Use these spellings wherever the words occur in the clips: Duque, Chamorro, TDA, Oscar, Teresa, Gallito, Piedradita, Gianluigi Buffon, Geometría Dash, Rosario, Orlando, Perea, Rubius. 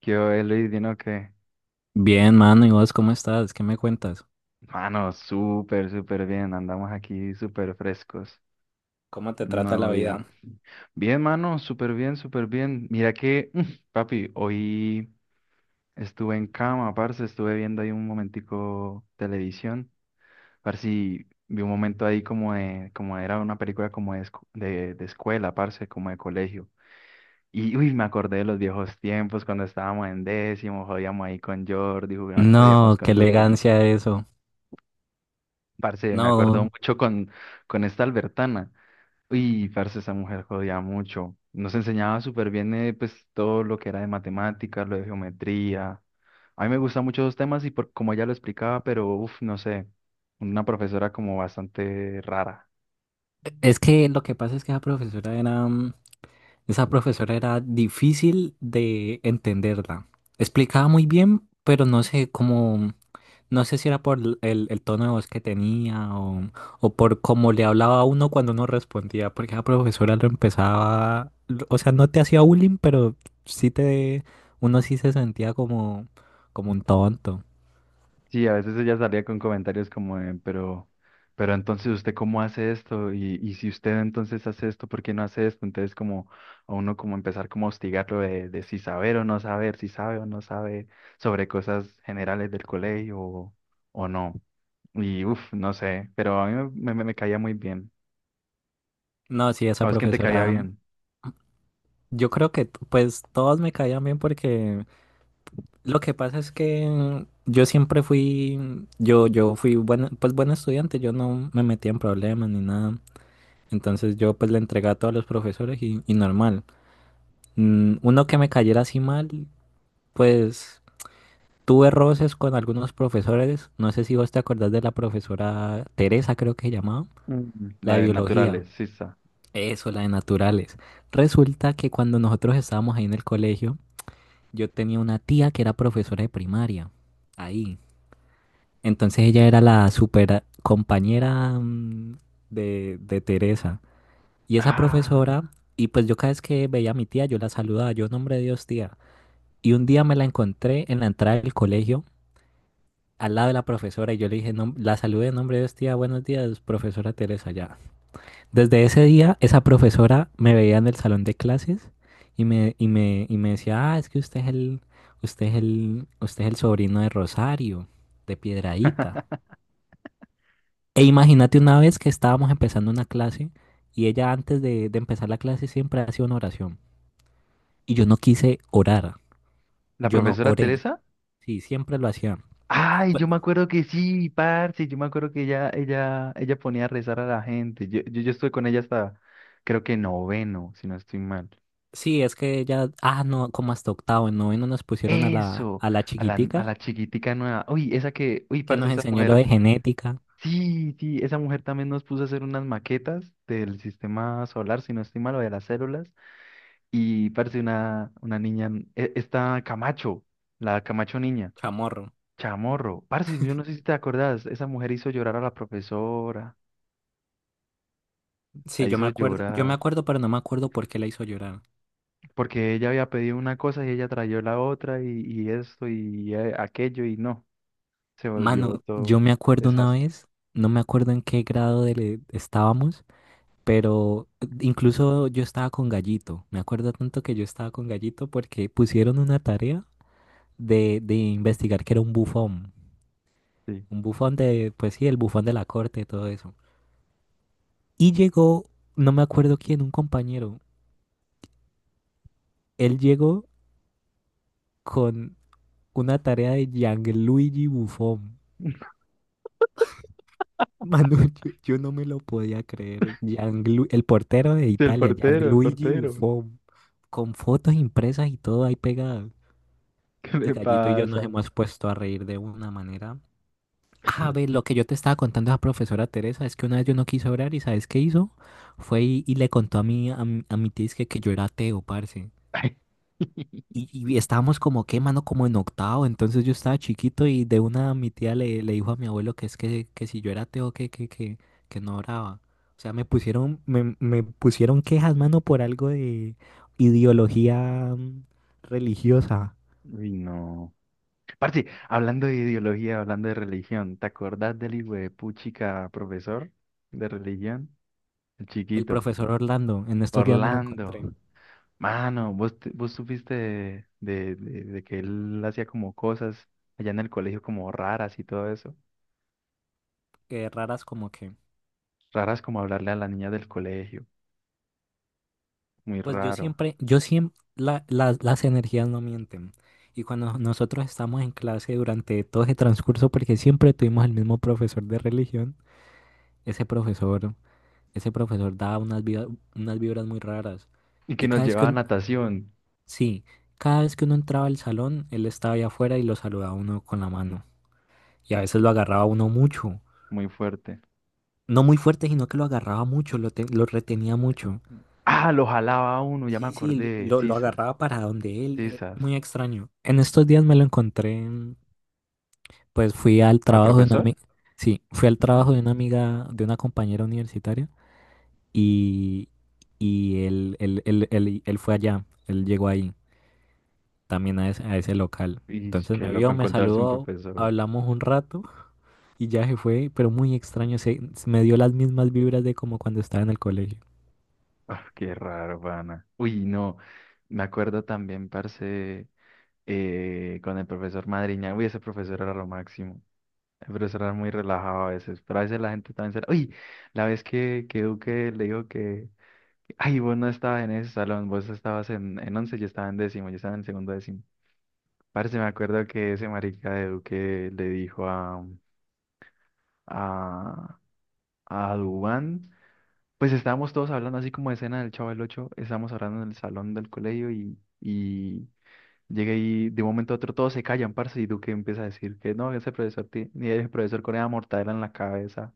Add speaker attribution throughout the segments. Speaker 1: ¿Qué hoy, Luis? ¿Vino que?
Speaker 2: Bien, mano, ¿y vos cómo estás? ¿Qué me cuentas?
Speaker 1: Mano, súper, súper bien. Andamos aquí súper frescos.
Speaker 2: ¿Cómo te
Speaker 1: Un
Speaker 2: trata
Speaker 1: nuevo
Speaker 2: la
Speaker 1: día.
Speaker 2: vida?
Speaker 1: Bien, mano, súper bien, súper bien. Mira que, papi, hoy estuve en cama, parce. Estuve viendo ahí un momentico televisión. Parce, y vi un momento ahí como era una película como de, de escuela, parce, como de colegio. Y uy, me acordé de los viejos tiempos cuando estábamos en décimo, jodíamos ahí con Jordi, jodíamos
Speaker 2: No, qué
Speaker 1: con Duque.
Speaker 2: elegancia eso.
Speaker 1: Parce, me acuerdo
Speaker 2: No,
Speaker 1: mucho con esta Albertana. Uy, parce, esa mujer jodía mucho. Nos enseñaba súper bien pues, todo lo que era de matemáticas, lo de geometría. A mí me gustan mucho esos temas y por, como ella lo explicaba, pero uff, no sé, una profesora como bastante rara.
Speaker 2: es que lo que pasa es que esa profesora era, esa profesora era difícil de entenderla. Explicaba muy bien, pero no sé cómo. No sé si era por el tono de voz que tenía o por cómo le hablaba a uno cuando uno respondía, porque la profesora lo empezaba, o sea, no te hacía bullying, pero sí te, uno sí se sentía como, como un tonto.
Speaker 1: Sí, a veces ella salía con comentarios como, de, pero entonces usted cómo hace esto y si usted entonces hace esto, ¿por qué no hace esto? Entonces como a uno como empezar como a hostigarlo de si saber o no saber, si sabe o no sabe sobre cosas generales del colegio o no. Y uff, no sé, pero a mí me caía muy bien.
Speaker 2: No, sí,
Speaker 1: ¿A
Speaker 2: esa
Speaker 1: vos quién te caía
Speaker 2: profesora,
Speaker 1: bien?
Speaker 2: yo creo que pues todos me caían bien porque lo que pasa es que yo siempre fui, yo fui buen, pues buen estudiante, yo no me metía en problemas ni nada. Entonces yo pues le entregaba a todos los profesores y normal. Uno que me cayera así mal, pues tuve roces con algunos profesores. No sé si vos te acordás de la profesora Teresa, creo que se llamaba,
Speaker 1: Mm.
Speaker 2: la
Speaker 1: La
Speaker 2: de
Speaker 1: de
Speaker 2: biología.
Speaker 1: naturales, Sisa.
Speaker 2: Eso, la de naturales. Resulta que cuando nosotros estábamos ahí en el colegio, yo tenía una tía que era profesora de primaria. Ahí. Entonces ella era la super compañera de Teresa. Y esa profesora,
Speaker 1: Ah,
Speaker 2: y pues yo cada vez que veía a mi tía, yo la saludaba, yo, nombre de Dios, tía. Y un día me la encontré en la entrada del colegio, al lado de la profesora, y yo le dije, la saludé, nombre de Dios, tía, buenos días, profesora Teresa, ya. Desde ese día, esa profesora me veía en el salón de clases y me decía, ah, es que usted es el sobrino de Rosario, de Piedradita. E imagínate una vez que estábamos empezando una clase y ella antes de empezar la clase siempre hacía una oración. Y yo no quise orar,
Speaker 1: ¿la
Speaker 2: yo no
Speaker 1: profesora
Speaker 2: oré,
Speaker 1: Teresa?
Speaker 2: sí, siempre lo hacía.
Speaker 1: Ay, yo me acuerdo que sí, parce, yo me acuerdo que ella ponía a rezar a la gente. Yo estuve con ella hasta, creo que noveno, si no estoy mal.
Speaker 2: Sí, es que ya, ah, no, como hasta octavo, en noveno nos pusieron a la,
Speaker 1: Eso,
Speaker 2: a la
Speaker 1: a la, a
Speaker 2: chiquitica
Speaker 1: la chiquitica nueva. Uy, esa que, uy,
Speaker 2: que
Speaker 1: parce,
Speaker 2: nos
Speaker 1: esa
Speaker 2: enseñó lo
Speaker 1: mujer.
Speaker 2: de genética.
Speaker 1: Sí, sí, esa mujer también nos puso a hacer unas maquetas del sistema solar, si no estoy mal, o de las células. Y parce, una niña, esta Camacho, la Camacho niña,
Speaker 2: Chamorro.
Speaker 1: chamorro. Parce, yo no sé si te acordás, esa mujer hizo llorar a la profesora. La
Speaker 2: Sí, yo me
Speaker 1: hizo
Speaker 2: acuerdo, yo me
Speaker 1: llorar,
Speaker 2: acuerdo, pero no me acuerdo por qué la hizo llorar.
Speaker 1: porque ella había pedido una cosa y ella trayó la otra y esto y aquello y no, se volvió
Speaker 2: Mano, yo
Speaker 1: todo
Speaker 2: me acuerdo una
Speaker 1: desastre.
Speaker 2: vez, no me acuerdo en qué grado estábamos, pero incluso yo estaba con Gallito. Me acuerdo tanto que yo estaba con Gallito porque pusieron una tarea de investigar que era un bufón.
Speaker 1: Sí.
Speaker 2: Un bufón de, pues sí, el bufón de la corte y todo eso. Y llegó, no me acuerdo quién, un compañero. Él llegó con una tarea de Gianluigi Buffon. Manu, yo no me lo podía creer. El portero de Italia,
Speaker 1: El
Speaker 2: Gianluigi
Speaker 1: portero,
Speaker 2: Buffon, con fotos impresas y todo ahí pegado.
Speaker 1: ¿qué
Speaker 2: Y
Speaker 1: le
Speaker 2: Gallito y yo nos
Speaker 1: pasa?
Speaker 2: hemos puesto a reír de una manera. A ver, lo que yo te estaba contando a la profesora Teresa es que una vez yo no quise orar y ¿sabes qué hizo? Fue y le contó a mi tía es que yo era ateo, parce.
Speaker 1: Ay,
Speaker 2: Y estábamos como que, mano, como en octavo, entonces yo estaba chiquito y de una mi tía le dijo a mi abuelo que es que si yo era ateo, que no oraba. O sea, me pusieron, me pusieron quejas, mano, por algo de ideología religiosa.
Speaker 1: uy, no. Parce, hablando de ideología, hablando de religión, ¿te acordás del hijo de puchica profesor de religión? El
Speaker 2: El
Speaker 1: chiquito,
Speaker 2: profesor Orlando, en estos días me lo
Speaker 1: Orlando.
Speaker 2: encontré.
Speaker 1: Mano, vos supiste que él hacía como cosas allá en el colegio como raras y todo eso.
Speaker 2: Raras como que.
Speaker 1: Raras como hablarle a la niña del colegio, muy
Speaker 2: Pues yo
Speaker 1: raro.
Speaker 2: siempre, yo siempre, las energías no mienten. Y cuando nosotros estamos en clase durante todo ese transcurso, porque siempre tuvimos el mismo profesor de religión, ese profesor, ese profesor daba unas vibras muy raras.
Speaker 1: Y
Speaker 2: Y
Speaker 1: que nos
Speaker 2: cada vez que
Speaker 1: llevaba a
Speaker 2: un-
Speaker 1: natación,
Speaker 2: sí, cada vez que uno entraba al salón, él estaba allá afuera y lo saludaba a uno con la mano. Y a veces lo agarraba a uno mucho.
Speaker 1: muy fuerte.
Speaker 2: No muy fuerte, sino que lo agarraba mucho, lo retenía mucho.
Speaker 1: Ah, lo jalaba a uno, ya me
Speaker 2: Sí, sí,
Speaker 1: acordé,
Speaker 2: lo
Speaker 1: sisas,
Speaker 2: agarraba para donde él.
Speaker 1: sisas.
Speaker 2: Muy extraño. En estos días me lo encontré, pues fui al
Speaker 1: ¿Al
Speaker 2: trabajo de una
Speaker 1: profesor?
Speaker 2: amiga. Sí, fui al
Speaker 1: Ujú.
Speaker 2: trabajo de una amiga, de una compañera universitaria. Y, y él, él fue allá, él llegó ahí, también a ese local.
Speaker 1: Y
Speaker 2: Entonces
Speaker 1: qué
Speaker 2: me
Speaker 1: loco
Speaker 2: vio, me
Speaker 1: encontrarse un
Speaker 2: saludó,
Speaker 1: profesor.
Speaker 2: hablamos un rato y ya se fue, pero muy extraño, se me dio las mismas vibras de como cuando estaba en el colegio.
Speaker 1: Ah, qué raro, pana. Uy, no, me acuerdo también, parce, con el profesor Madriña. Uy, ese profesor era lo máximo. Pero será muy relajado a veces. Pero a veces la gente también será. Uy, la vez que Duque le dijo que. Ay, vos no estabas en ese salón, vos estabas en once, yo estaba en décimo, yo estaba en segundo décimo. Parece, me acuerdo que ese marica de Duque le dijo a, a Dubán. Pues estábamos todos hablando así como de escena del Chavo del Ocho, estábamos hablando en el salón del colegio y llegué y de un momento a otro todos se callan, parce, y Duque empieza a decir que no, ese profesor ni ese profesor Corea mortadela en la cabeza.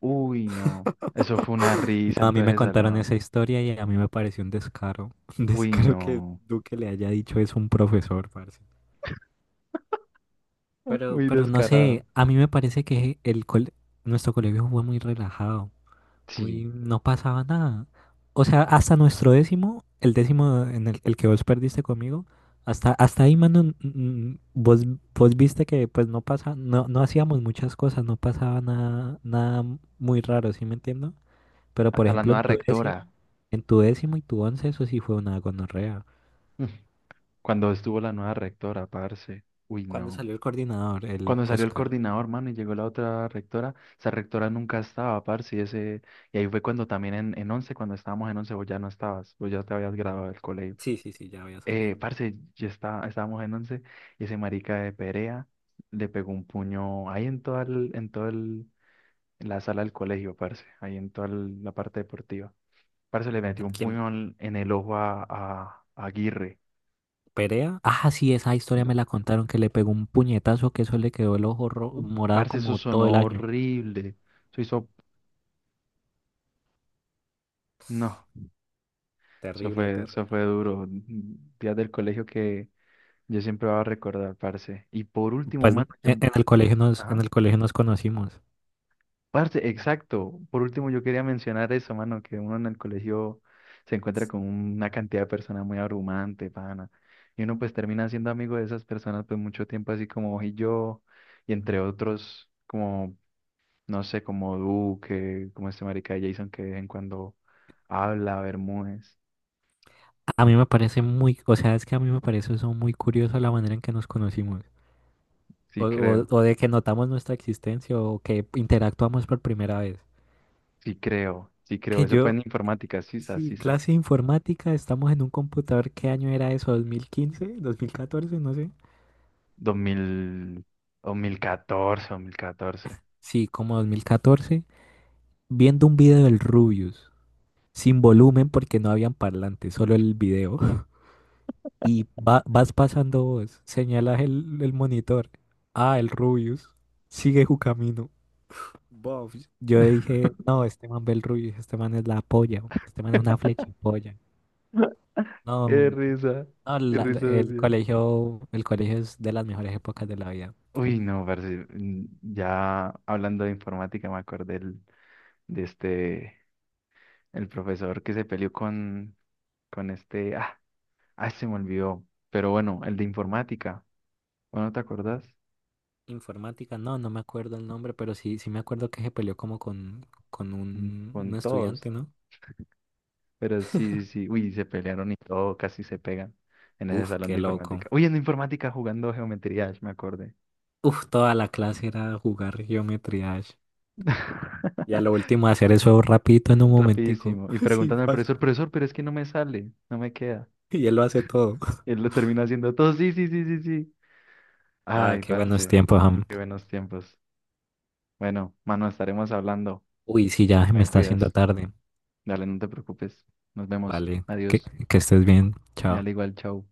Speaker 1: Uy, no. Eso fue una risa
Speaker 2: No, a
Speaker 1: en
Speaker 2: mí
Speaker 1: todo
Speaker 2: me
Speaker 1: ese
Speaker 2: contaron
Speaker 1: salón.
Speaker 2: esa historia y a mí me pareció un descaro, un
Speaker 1: Uy,
Speaker 2: descaro que
Speaker 1: no.
Speaker 2: Duque le haya dicho es un profesor, parce.
Speaker 1: Uy,
Speaker 2: Pero no
Speaker 1: descarado.
Speaker 2: sé, a mí me parece que nuestro colegio fue muy relajado.
Speaker 1: Sí,
Speaker 2: Uy, no pasaba nada. O sea, hasta nuestro décimo, el décimo en el que vos perdiste conmigo, hasta, hasta ahí, mano, vos, vos viste que pues no pasa, no, no hacíamos muchas cosas, no pasaba nada, nada muy raro, ¿sí me entiendo? Pero por
Speaker 1: hasta la
Speaker 2: ejemplo,
Speaker 1: nueva rectora.
Speaker 2: en tu décimo y tu once, eso sí fue una gonorrea.
Speaker 1: Cuando estuvo la nueva rectora, parce. Uy,
Speaker 2: ¿Cuándo
Speaker 1: no.
Speaker 2: salió el coordinador, el
Speaker 1: Cuando salió el
Speaker 2: Oscar?
Speaker 1: coordinador, mano, y llegó la otra rectora, esa rectora nunca estaba, parce. Y ese, y ahí fue cuando también en, 11, cuando estábamos en 11, vos ya no estabas, vos ya te habías graduado del colegio.
Speaker 2: Sí, sí, sí, ya había salido.
Speaker 1: Parce, ya está, estábamos en 11. Y ese marica de Perea le pegó un puño ahí en todo el, en la sala del colegio, parce, ahí en toda la parte deportiva. Parce le metió un
Speaker 2: Quién.
Speaker 1: puñal en el ojo a Aguirre.
Speaker 2: Perea. Ah, sí, esa historia me la contaron que le pegó un puñetazo que eso le quedó el ojo morado
Speaker 1: Parce, eso
Speaker 2: como todo el
Speaker 1: sonó
Speaker 2: año.
Speaker 1: horrible. Eso hizo, no, eso
Speaker 2: Terrible,
Speaker 1: fue, eso
Speaker 2: terrible.
Speaker 1: fue duro. Días del colegio que yo siempre voy a recordar, parce. Y por último,
Speaker 2: Pues
Speaker 1: mano, yo,
Speaker 2: en el colegio en
Speaker 1: ajá.
Speaker 2: el colegio nos conocimos.
Speaker 1: Parce, exacto. Por último, yo quería mencionar eso, mano, que uno en el colegio se encuentra con una cantidad de personas muy abrumante, pana. Y uno pues termina siendo amigo de esas personas pues mucho tiempo, así como vos y yo, y entre otros, como, no sé, como Duque, como este marica de Jason que de vez en cuando habla, Bermúdez.
Speaker 2: A mí me parece muy, o sea, es que a mí me parece eso muy curioso la manera en que nos conocimos. O,
Speaker 1: Sí creo,
Speaker 2: o de que notamos nuestra existencia o que interactuamos por primera vez.
Speaker 1: sí creo, sí creo.
Speaker 2: Que
Speaker 1: Eso fue
Speaker 2: yo,
Speaker 1: en informática, sisas,
Speaker 2: sí,
Speaker 1: sisas.
Speaker 2: clase de informática, estamos en un computador, ¿qué año era eso? ¿2015? ¿2014? No sé.
Speaker 1: 2000, 2014, 2014.
Speaker 2: Sí, como 2014. Viendo un video del Rubius, sin volumen porque no habían parlantes, solo el video. Y vas pasando vos, señalas el monitor. Ah, el Rubius, sigue su camino. Bof, yo dije, no, este man ve el Rubius, este man es la polla, este man es una flechipolla. No,
Speaker 1: Qué
Speaker 2: no,
Speaker 1: risa, qué risa, Dios.
Speaker 2: el colegio es de las mejores épocas de la vida.
Speaker 1: Uy, no, parce, ya hablando de informática me acordé de este, el profesor que se peleó con, este, ah, ay, se me olvidó, pero bueno, el de informática, bueno, ¿te acordás?
Speaker 2: Informática, no, no me acuerdo el nombre, pero sí, sí me acuerdo que se peleó como con
Speaker 1: Mm,
Speaker 2: un
Speaker 1: con todos,
Speaker 2: estudiante, ¿no?
Speaker 1: pero sí, sí, sí, uy, se pelearon y todo, casi se pegan en ese
Speaker 2: Uf,
Speaker 1: salón
Speaker 2: qué
Speaker 1: de informática.
Speaker 2: loco.
Speaker 1: Uy, en informática jugando geometría, Dash, me acordé.
Speaker 2: Uf, toda la clase era jugar geometría Dash. Y a lo último hacer eso rapidito en un momentico.
Speaker 1: Rapidísimo. Y
Speaker 2: Sí,
Speaker 1: preguntando al
Speaker 2: fácil.
Speaker 1: profesor, profesor, pero es que no me sale, no me queda.
Speaker 2: Y él lo hace todo.
Speaker 1: Y él lo termina haciendo todo. Sí, sí, sí, sí, sí.
Speaker 2: Ah,
Speaker 1: Ay,
Speaker 2: qué buenos
Speaker 1: parce,
Speaker 2: tiempos, Ham.
Speaker 1: qué buenos tiempos. Bueno, mano, estaremos hablando.
Speaker 2: Uy, sí, ya me
Speaker 1: Me
Speaker 2: está haciendo
Speaker 1: cuidas.
Speaker 2: tarde.
Speaker 1: Dale, no te preocupes. Nos vemos.
Speaker 2: Vale,
Speaker 1: Adiós.
Speaker 2: que estés bien. Chao.
Speaker 1: Dale igual, chao.